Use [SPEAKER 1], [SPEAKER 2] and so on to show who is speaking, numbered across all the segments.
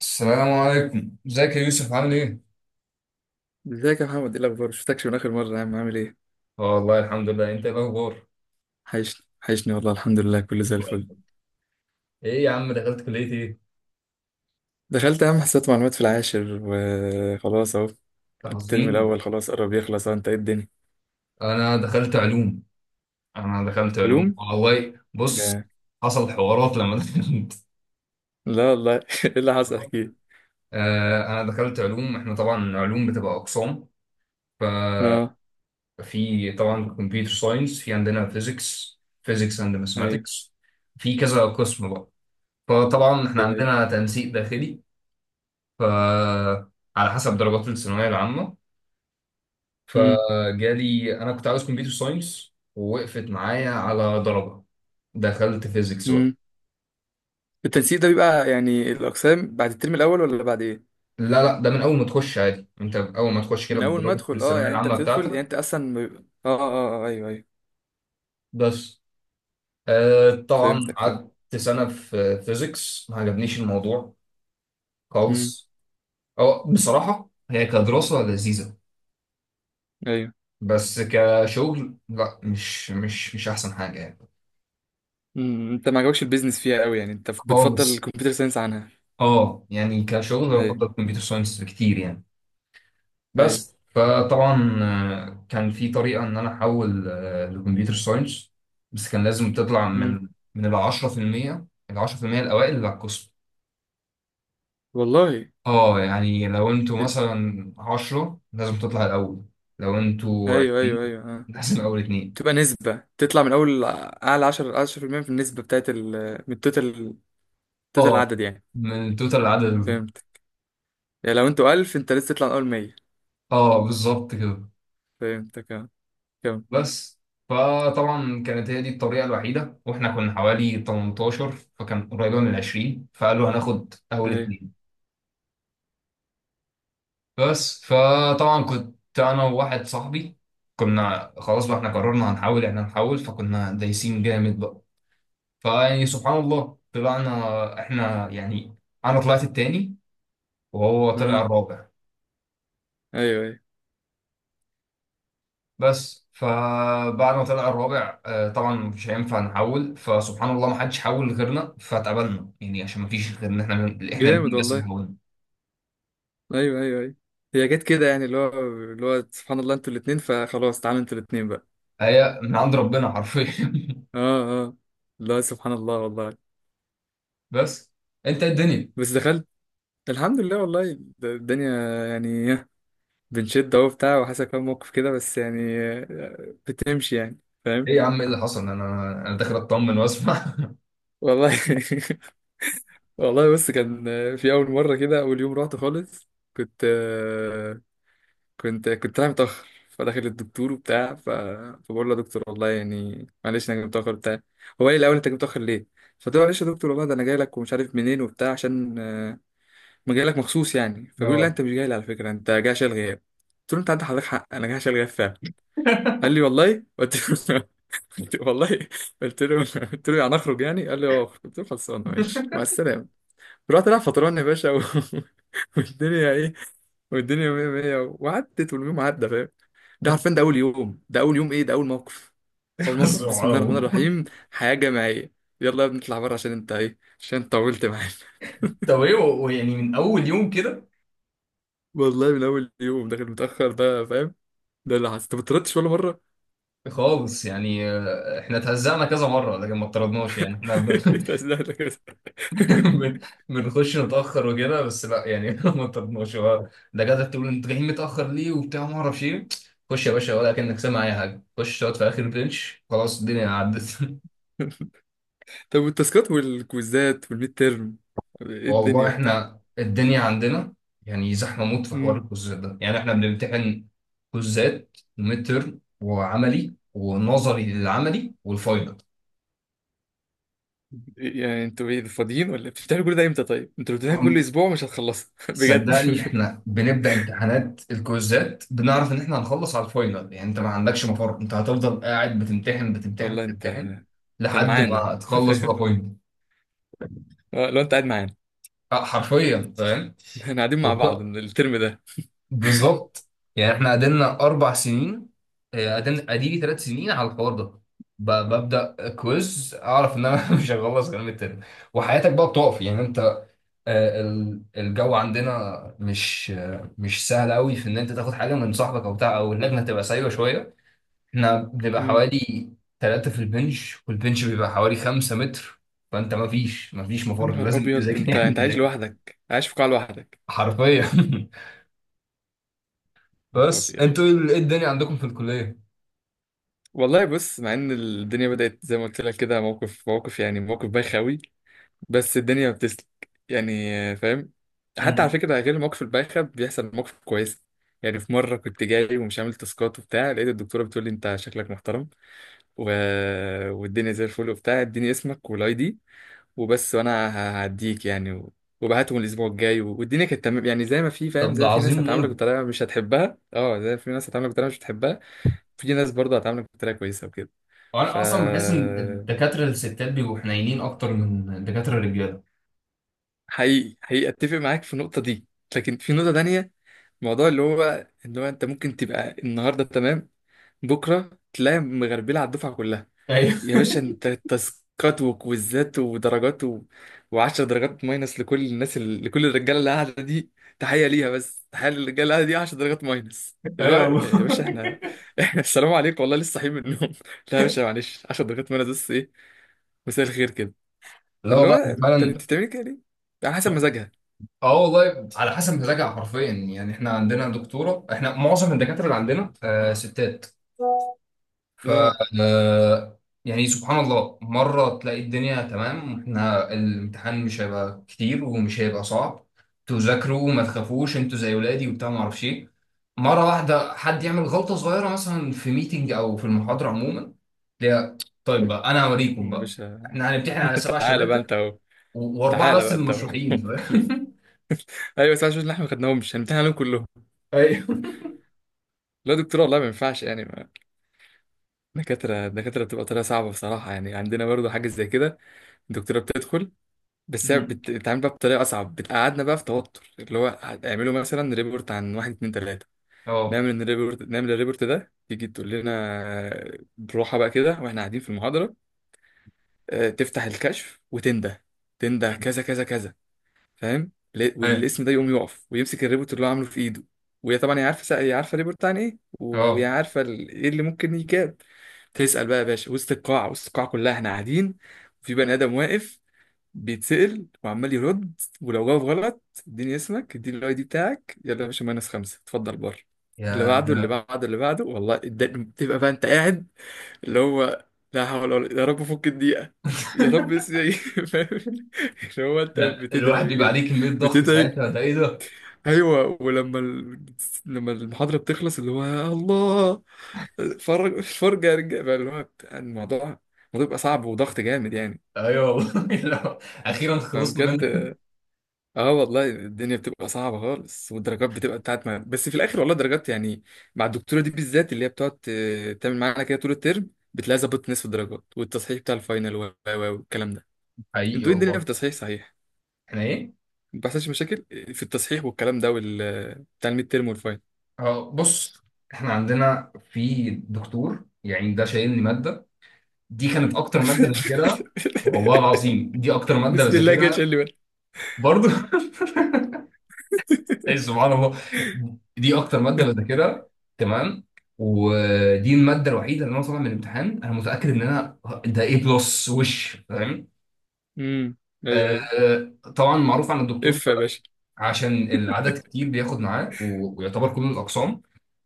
[SPEAKER 1] السلام عليكم، ازيك يا يوسف؟ عامل ايه؟
[SPEAKER 2] ازيك يا محمد؟ ايه الاخبار؟ شفتكش من اخر مره يا عم، عامل ايه؟
[SPEAKER 1] اه والله الحمد لله. انت ايه الاخبار؟
[SPEAKER 2] حيشني حيشني والله، الحمد لله كله زي الفل.
[SPEAKER 1] ايه يا عم، دخلت كلية ايه؟
[SPEAKER 2] دخلت اهم حسابات معلومات في العاشر وخلاص اهو.
[SPEAKER 1] أنت
[SPEAKER 2] الترم
[SPEAKER 1] حزين.
[SPEAKER 2] الاول خلاص قرب يخلص اهو. انت ايه الدنيا؟
[SPEAKER 1] انا دخلت علوم. انا دخلت علوم
[SPEAKER 2] علوم.
[SPEAKER 1] والله. بص،
[SPEAKER 2] جا.
[SPEAKER 1] حصل حوارات لما دخلت.
[SPEAKER 2] لا والله ايه اللي حصل؟ احكي لي.
[SPEAKER 1] آه انا دخلت علوم. احنا طبعا علوم بتبقى اقسام.
[SPEAKER 2] اه.
[SPEAKER 1] في طبعا كمبيوتر ساينس، في عندنا فيزيكس، فيزيكس اند
[SPEAKER 2] ايوه
[SPEAKER 1] ماثماتكس، في كذا قسم بقى. فطبعا احنا
[SPEAKER 2] ايوه ايوه.
[SPEAKER 1] عندنا تنسيق داخلي، ف على حسب درجات الثانويه العامه.
[SPEAKER 2] امم.
[SPEAKER 1] فجالي انا كنت عاوز كمبيوتر ساينس، ووقفت معايا على درجه، دخلت فيزيكس بقى.
[SPEAKER 2] امم. التنسيق ده بيبقى يعني الاقسام بعد الترم الاول ولا بعد ايه؟
[SPEAKER 1] لا لا، ده من اول ما تخش عادي، انت اول ما تخش كده
[SPEAKER 2] من اول ما
[SPEAKER 1] بدرجه
[SPEAKER 2] ادخل، اه
[SPEAKER 1] الثانويه
[SPEAKER 2] يعني انت
[SPEAKER 1] العامه
[SPEAKER 2] بتدخل يعني
[SPEAKER 1] بتاعتك.
[SPEAKER 2] انت اصلا ما بيبقى- اه اه اه ايوه ايوه.
[SPEAKER 1] بس آه طبعا
[SPEAKER 2] فهمتك، فهمت.
[SPEAKER 1] قعدت سنه في فيزيكس، ما عجبنيش الموضوع
[SPEAKER 2] امم.
[SPEAKER 1] خالص. أو بصراحه هي كدراسه لذيذه،
[SPEAKER 2] ايوه.
[SPEAKER 1] بس كشغل لا، مش احسن حاجه يعني.
[SPEAKER 2] امم. انت ما عجبكش البيزنس فيها قوي؟ يعني انت بتفضل
[SPEAKER 1] خالص،
[SPEAKER 2] الكمبيوتر ساينس عنها؟
[SPEAKER 1] اه يعني كشغل
[SPEAKER 2] ايوه
[SPEAKER 1] بفضل كمبيوتر ساينس بكتير يعني.
[SPEAKER 2] ايوه.
[SPEAKER 1] بس فطبعا كان في طريقة إن أنا أحول لكمبيوتر ساينس. بس كان لازم تطلع
[SPEAKER 2] امم
[SPEAKER 1] من ال 10%، ال 10% الأوائل اللي على القسم.
[SPEAKER 2] والله.
[SPEAKER 1] اه يعني لو انتوا
[SPEAKER 2] ب-
[SPEAKER 1] مثلا 10 لازم تطلع الأول، لو انتوا
[SPEAKER 2] ايوه ايوه
[SPEAKER 1] 20
[SPEAKER 2] ايوه اه.
[SPEAKER 1] لازم أول اتنين.
[SPEAKER 2] تبقى نسبة تطلع من اول اعلى 10، 10% في المية في النسبة بتاعت ال، من التوتال، توتال
[SPEAKER 1] اه،
[SPEAKER 2] العدد يعني.
[SPEAKER 1] من توتال العدد اللي في القسم.
[SPEAKER 2] فهمت. يعني لو انتوا 1000 انت لسه تطلع من اول 100.
[SPEAKER 1] اه بالظبط كده.
[SPEAKER 2] فهمتك اه. كم؟
[SPEAKER 1] بس فطبعا كانت هي دي الطريقة الوحيدة، واحنا كنا حوالي 18، فكان قريبة من 20، فقالوا هناخد أول
[SPEAKER 2] ايوه
[SPEAKER 1] اتنين. بس فطبعا كنت انا وواحد صاحبي، كنا خلاص بقى احنا قررنا هنحاول، احنا هنحاول، فكنا دايسين جامد بقى. فيعني سبحان الله طلعنا احنا يعني، انا طلعت التاني وهو طلع
[SPEAKER 2] اه.
[SPEAKER 1] الرابع.
[SPEAKER 2] ايوه ايوه
[SPEAKER 1] بس فبعد ما طلع الرابع طبعا مش هينفع نحول، فسبحان الله ما حدش حول غيرنا، فاتقبلنا يعني عشان ما فيش غيرنا. احنا من... احنا
[SPEAKER 2] جامد
[SPEAKER 1] الاثنين بس اللي
[SPEAKER 2] والله.
[SPEAKER 1] حولنا.
[SPEAKER 2] ايوه ايوه ايوه. هي جت كده يعني اللي هو، سبحان الله انتوا الاتنين، فخلاص تعالوا انتوا الاتنين بقى.
[SPEAKER 1] هي من عند ربنا حرفيا.
[SPEAKER 2] اه اه. لا سبحان الله والله.
[SPEAKER 1] بس انت الدنيا؟
[SPEAKER 2] بس دخلت. الحمد لله والله. الدنيا يعني بنشد اهو بتاع وحصل كام موقف كده، بس يعني بتمشي يعني. فاهم.
[SPEAKER 1] ايه يا عم ايه اللي حصل؟ انا انا داخل اطمن واسمع.
[SPEAKER 2] والله بص، كان في اول مره كده، اول يوم رحت خالص. كنت كنت رايح متاخر، فداخل الدكتور وبتاع، فبقول له: يا دكتور والله يعني معلش، انا جاي متاخر بتاع. هو قال لي الاول: انت جاي متاخر ليه؟ فقلت له: معلش يا دكتور والله، ده انا جاي لك ومش عارف منين وبتاع عشان ما جاي لك مخصوص يعني. فبيقول لي: لا
[SPEAKER 1] اه
[SPEAKER 2] انت مش جاي لي على فكره، انت جاي عشان الغياب. قلت له: انت عندك حضرتك حق، انا جاي عشان الغياب فعلا. قال لي: والله؟ قلت له. والله قلت له. قلت له يعني اخرج؟ يعني قال لي: اه اخرج. قلت له: خلصانه، ماشي مع السلامه. رحت رايح فطران يا باشا و... والدنيا ايه؟ والدنيا مية مية، وعدت واليوم عدى. فاهم؟ ده عارفين ده اول يوم، ايه، ده اول موقف. اول
[SPEAKER 1] بس
[SPEAKER 2] موقف بسم الله الرحمن
[SPEAKER 1] معاهم.
[SPEAKER 2] الرحيم. حياه جماعيه: يلا يا ابني اطلع بره، عشان انت ايه، عشان انت طولت معانا.
[SPEAKER 1] طب ايه ويعني من اول يوم كده؟
[SPEAKER 2] والله من اول يوم داخل متاخر، ده فاهم. ده اللي حصل. انت ما طردتش ولا مره؟
[SPEAKER 1] خالص يعني، احنا اتهزقنا كذا مره لكن ما اطردناش يعني. احنا
[SPEAKER 2] تسلم لك.
[SPEAKER 1] بن- بنخش نتاخر وكده بس، لا يعني ما اطردناش. هو الدكاتره تقول انتوا جايين متاخر ليه وبتاع ما اعرفش ايه، خش يا باشا ولا كانك سامع اي حاجه، خش اقعد في اخر بنش، خلاص الدنيا عدت.
[SPEAKER 2] طب والتاسكات والكويزات والميد تيرم، ايه
[SPEAKER 1] والله
[SPEAKER 2] الدنيا وبتاع؟
[SPEAKER 1] احنا الدنيا عندنا يعني زحمه موت في حوار
[SPEAKER 2] امم.
[SPEAKER 1] الكوزات ده. يعني احنا بنمتحن كوزات، ميد ترم، وعملي ونظري للعملي، والفاينل.
[SPEAKER 2] يعني انتوا ايه، فاضيين ولا بتشتغلوا كل ده امتى؟ طيب انتوا لو بتمتحنوا كل
[SPEAKER 1] عم-
[SPEAKER 2] اسبوع مش هتخلصوا بجد.
[SPEAKER 1] صدقني احنا بنبدا امتحانات الكوزات، بنعرف ان احنا هنخلص على الفاينل، يعني انت ما عندكش مفر، انت هتفضل قاعد بتمتحن بتمتحن
[SPEAKER 2] والله انت
[SPEAKER 1] بتمتحن
[SPEAKER 2] انت
[SPEAKER 1] لحد
[SPEAKER 2] معانا
[SPEAKER 1] ما تخلص بقى
[SPEAKER 2] فاهم؟
[SPEAKER 1] فاينل.
[SPEAKER 2] لو انت قاعد معانا،
[SPEAKER 1] اه حرفيا. فاهم،
[SPEAKER 2] احنا قاعدين مع بعض من الترم ده.
[SPEAKER 1] بالظبط. يعني احنا قعدنا اربع سنين، قعدنا اديلي ثلاث سنين على الحوار ده. ببدا كويز اعرف ان انا مش هخلص غير من الترم. وحياتك بقى بتقف يعني انت. الجو عندنا مش مش سهل قوي في ان انت تاخد حاجه من صاحبك او بتاع، او اللجنه تبقى سايبه شويه. احنا بنبقى
[SPEAKER 2] امم.
[SPEAKER 1] حوالي ثلاثه في البنش، والبنش بيبقى حوالي خمسة متر. فانت ما فيش
[SPEAKER 2] يا
[SPEAKER 1] مفر،
[SPEAKER 2] نهار
[SPEAKER 1] لازم
[SPEAKER 2] ابيض،
[SPEAKER 1] تذاكر
[SPEAKER 2] انت
[SPEAKER 1] يعني
[SPEAKER 2] انت عايش
[SPEAKER 1] تذاكر.
[SPEAKER 2] لوحدك؟ عايش في قاعة لوحدك؟
[SPEAKER 1] حرفيا.
[SPEAKER 2] يا نهار
[SPEAKER 1] بس
[SPEAKER 2] ابيض.
[SPEAKER 1] انتوا ايه الدنيا عندكم في الكليه؟
[SPEAKER 2] والله بص، مع ان الدنيا بدأت زي ما قلت لك كده موقف موقف، يعني موقف بايخ قوي، بس الدنيا بتسلك يعني. فاهم. حتى على فكرة، غير المواقف البايخة بيحصل مواقف كويسة. يعني في مرة كنت جاي ومش عامل تاسكات وبتاع، لقيت الدكتورة بتقول لي: انت شكلك محترم و... والدنيا زي الفل وبتاع، اديني اسمك والاي دي وبس. وانا هعديك يعني و... وبعتهم الاسبوع الجاي و... والدنيا كانت تمام. يعني زي ما في، فاهم،
[SPEAKER 1] طب
[SPEAKER 2] زي
[SPEAKER 1] ده
[SPEAKER 2] ما في ناس
[SPEAKER 1] عظيم
[SPEAKER 2] هتعاملك
[SPEAKER 1] موت.
[SPEAKER 2] بطريقة مش هتحبها، اه زي ما في ناس هتعاملك بطريقة مش هتحبها، في ناس برضه هتعاملك بطريقة كويسة وكده. ف
[SPEAKER 1] وانا اصلا بحس ان الدكاتره الستات بيبقوا حنينين اكتر من الدكاتره الرجاله.
[SPEAKER 2] حقيقي حقيقي اتفق معاك في النقطه دي. لكن في نقطه تانية، موضوع اللي هو انت ممكن تبقى النهارده تمام، بكره تلاقي مغربله على الدفعه كلها.
[SPEAKER 1] ايوه.
[SPEAKER 2] يا باشا انت تاسكات وكويزات ودرجات و... و10 درجات ماينس لكل الناس لكل الرجاله اللي قاعده دي. تحيه ليها، بس تحيه للرجاله اللي قاعده دي. 10 درجات ماينس؟ اللي هو
[SPEAKER 1] ايوه والله.
[SPEAKER 2] يا باشا احنا احنا السلام عليكم والله، لسه صاحيين من النوم لا يا باشا معلش، 10 درجات ماينس بس، ايه؟ مساء الخير كده.
[SPEAKER 1] لا
[SPEAKER 2] فاللي
[SPEAKER 1] والله انا
[SPEAKER 2] هو طب
[SPEAKER 1] فعلا.
[SPEAKER 2] انت بتعملي كده ليه؟ على حسب مزاجها.
[SPEAKER 1] اه والله على حسب مزاجها حرفيا. يعني احنا عندنا دكتوره، احنا معظم الدكاتره اللي عندنا آه ستات. ف آه، يعني سبحان الله مرة تلاقي الدنيا تمام، احنا الامتحان مش هيبقى كتير ومش هيبقى صعب، تذاكروا وما تخافوش، انتوا زي ولادي وبتاع ما اعرفش ايه. مرة واحدة حد يعمل غلطة صغيرة مثلا في ميتنج او في المحاضرة عموما، تلاقيها طيب بقى انا هوريكم
[SPEAKER 2] يا
[SPEAKER 1] بقى.
[SPEAKER 2] باشا.
[SPEAKER 1] احنا هنمتحن على سبع
[SPEAKER 2] تعالى بقى
[SPEAKER 1] شباتر،
[SPEAKER 2] انت اهو.
[SPEAKER 1] واربعة
[SPEAKER 2] تعالى
[SPEAKER 1] بس
[SPEAKER 2] بقى
[SPEAKER 1] اللي
[SPEAKER 2] انت اهو
[SPEAKER 1] مشروحين فاهم.
[SPEAKER 2] ايوه بس عشان احنا ما خدناهمش هنمتحن عليهم كلهم.
[SPEAKER 1] ايوه.
[SPEAKER 2] لا يا دكتور والله ما ينفعش يعني، دكاتره بتبقى طريقه صعبه بصراحه. يعني عندنا برضه حاجه زي كده. الدكتوره بتدخل، بس هي
[SPEAKER 1] مم.
[SPEAKER 2] بتتعامل بقى بطريقه اصعب، بتقعدنا بقى في توتر. اللي هو: هتعملوا مثلا ريبورت عن واحد اتنين تلاته.
[SPEAKER 1] اه.
[SPEAKER 2] نعمل الريبورت. ده تيجي تقول لنا بروحه بقى كده، واحنا قاعدين في المحاضره، اه، تفتح الكشف وتنده. تنده كذا كذا كذا، فاهم،
[SPEAKER 1] ايوه.
[SPEAKER 2] والاسم ده يقوم يقف ويمسك الريبورت اللي هو عامله في ايده. وهي طبعا هي عارفه الريبورت عن ايه، وهي
[SPEAKER 1] اه.
[SPEAKER 2] عارفه ايه اللي ممكن يجاب. تسال بقى يا باشا وسط القاعه، كلها احنا قاعدين. وفي بني ادم واقف بيتسال وعمال يرد. ولو جاوب غلط: اديني اسمك، اديني الاي دي بتاعك، يلا يا باشا ماينس خمسه، اتفضل بره. اللي
[SPEAKER 1] يا
[SPEAKER 2] بعده، اللي
[SPEAKER 1] ده،
[SPEAKER 2] بعده، اللي بعده. والله تبقى بقى انت قاعد اللي هو: لا حول ولا، يا رب فك الدقيقه، يا رب اسمي. هو انت
[SPEAKER 1] ده
[SPEAKER 2] بتدعي
[SPEAKER 1] الواحد بيبقى
[SPEAKER 2] بجد؟
[SPEAKER 1] عليه كمية ضغط
[SPEAKER 2] بتدعي.
[SPEAKER 1] ساعتها، ده ايه ده؟
[SPEAKER 2] ايوه. ولما لما المحاضره بتخلص اللي هو: يا الله فرج فرجه يا رجاله بقى. اللي هو بتاع الموضوع، بيبقى صعب وضغط جامد يعني.
[SPEAKER 1] ايوه والله. لو- اخيرا خلصنا
[SPEAKER 2] فبجد،
[SPEAKER 1] منه.
[SPEAKER 2] اه والله الدنيا بتبقى صعبه خالص، والدرجات بتبقى بتاعت ما. بس في الاخر والله الدرجات يعني مع الدكتوره دي بالذات، اللي هي بتقعد تعمل معانا كده طول الترم، بتلاقي ظبطت نصف الدرجات والتصحيح بتاع الفاينل والكلام ده.
[SPEAKER 1] حقيقي
[SPEAKER 2] انتوا ايه الدنيا في
[SPEAKER 1] والله.
[SPEAKER 2] التصحيح؟ صحيح
[SPEAKER 1] احنا ايه؟
[SPEAKER 2] ما بيحصلش مشاكل في التصحيح والكلام ده، وال بتاع الميد تيرم والفاين.
[SPEAKER 1] اه بص، احنا عندنا في دكتور يعني ده شايلني ماده، دي كانت اكتر ماده بذاكرها، والله العظيم دي اكتر ماده
[SPEAKER 2] بسم الله كده، شيل
[SPEAKER 1] بذاكرها.
[SPEAKER 2] لي بالك.
[SPEAKER 1] برضو إيه سبحان الله، دي اكتر ماده بذاكرها. تمام. ودي الماده الوحيده اللي انا طالع من الامتحان انا متاكد ان انا ده ايه بلس وش، فاهم؟
[SPEAKER 2] امم ايوه ايوه.
[SPEAKER 1] طبعا معروف عن الدكتور،
[SPEAKER 2] اف يا باشا.
[SPEAKER 1] عشان العدد كتير بياخد معاه، ويعتبر كله الاقسام.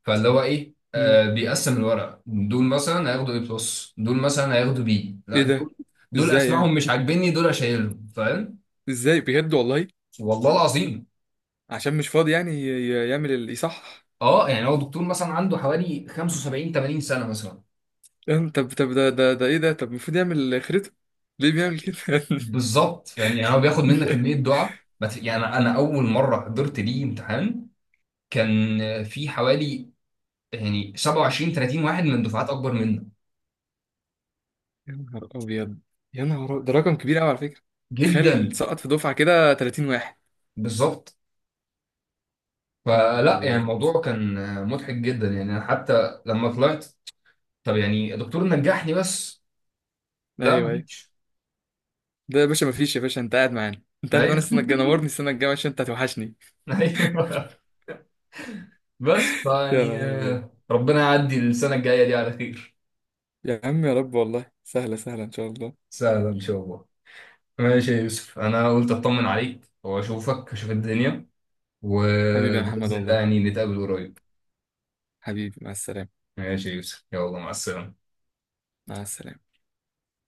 [SPEAKER 1] فاللي هو ايه،
[SPEAKER 2] امم.
[SPEAKER 1] آه بيقسم الورق، دول مثلا هياخدوا اي بلس، دول مثلا هياخدوا بي،
[SPEAKER 2] ايه
[SPEAKER 1] لا
[SPEAKER 2] ده؟
[SPEAKER 1] دول دول
[SPEAKER 2] ازاي يعني؟
[SPEAKER 1] اسمائهم مش عاجبني، دول اشيلهم فاهم.
[SPEAKER 2] ازاي بجد والله؟
[SPEAKER 1] والله العظيم.
[SPEAKER 2] عشان مش فاضي يعني يعمل يصحح؟
[SPEAKER 1] اه يعني هو دكتور مثلا عنده حوالي 75 80 سنه مثلا.
[SPEAKER 2] يعني طب ده ايه ده؟ طب المفروض يعمل خريطة، ليه بيعمل كده؟
[SPEAKER 1] بالظبط فاهم، يعني هو بياخد منك كميه دعاء ما يعني انا اول مره حضرت ليه امتحان كان في حوالي يعني 27 30 واحد من دفعات اكبر منه.
[SPEAKER 2] يا نهار ابيض. يا نهار أبيض. ده رقم كبير قوي على فكرة. تخيل
[SPEAKER 1] جدا،
[SPEAKER 2] سقط في دفعة كده 30 واحد.
[SPEAKER 1] بالظبط.
[SPEAKER 2] يا نهار
[SPEAKER 1] فلا يعني
[SPEAKER 2] ابيض.
[SPEAKER 1] الموضوع كان مضحك جدا، يعني انا حتى لما طلعت: طب يعني يا دكتور نجحني بس. لا
[SPEAKER 2] ايوه
[SPEAKER 1] ما
[SPEAKER 2] أيوه.
[SPEAKER 1] فيش.
[SPEAKER 2] ده يا باشا مفيش. يا باشا انت قاعد معانا
[SPEAKER 1] ايوه.
[SPEAKER 2] السنه الجايه نورني، السنه الجايه عشان انت هتوحشني.
[SPEAKER 1] ايوه. بس
[SPEAKER 2] يا
[SPEAKER 1] فيعني
[SPEAKER 2] نهار ابيض.
[SPEAKER 1] ربنا يعدي السنه الجايه دي على خير.
[SPEAKER 2] يا عم يا رب والله، سهله سهله ان شاء الله.
[SPEAKER 1] سهلا ان شاء الله. ماشي يا يوسف، انا قلت اطمن عليك واشوفك، اشوف الدنيا،
[SPEAKER 2] حبيبي يا محمد
[SPEAKER 1] وباذن الله
[SPEAKER 2] والله.
[SPEAKER 1] يعني نتقابل قريب.
[SPEAKER 2] حبيبي مع السلامه.
[SPEAKER 1] ماشي يا يوسف، يلا مع السلامه.
[SPEAKER 2] مع السلامه.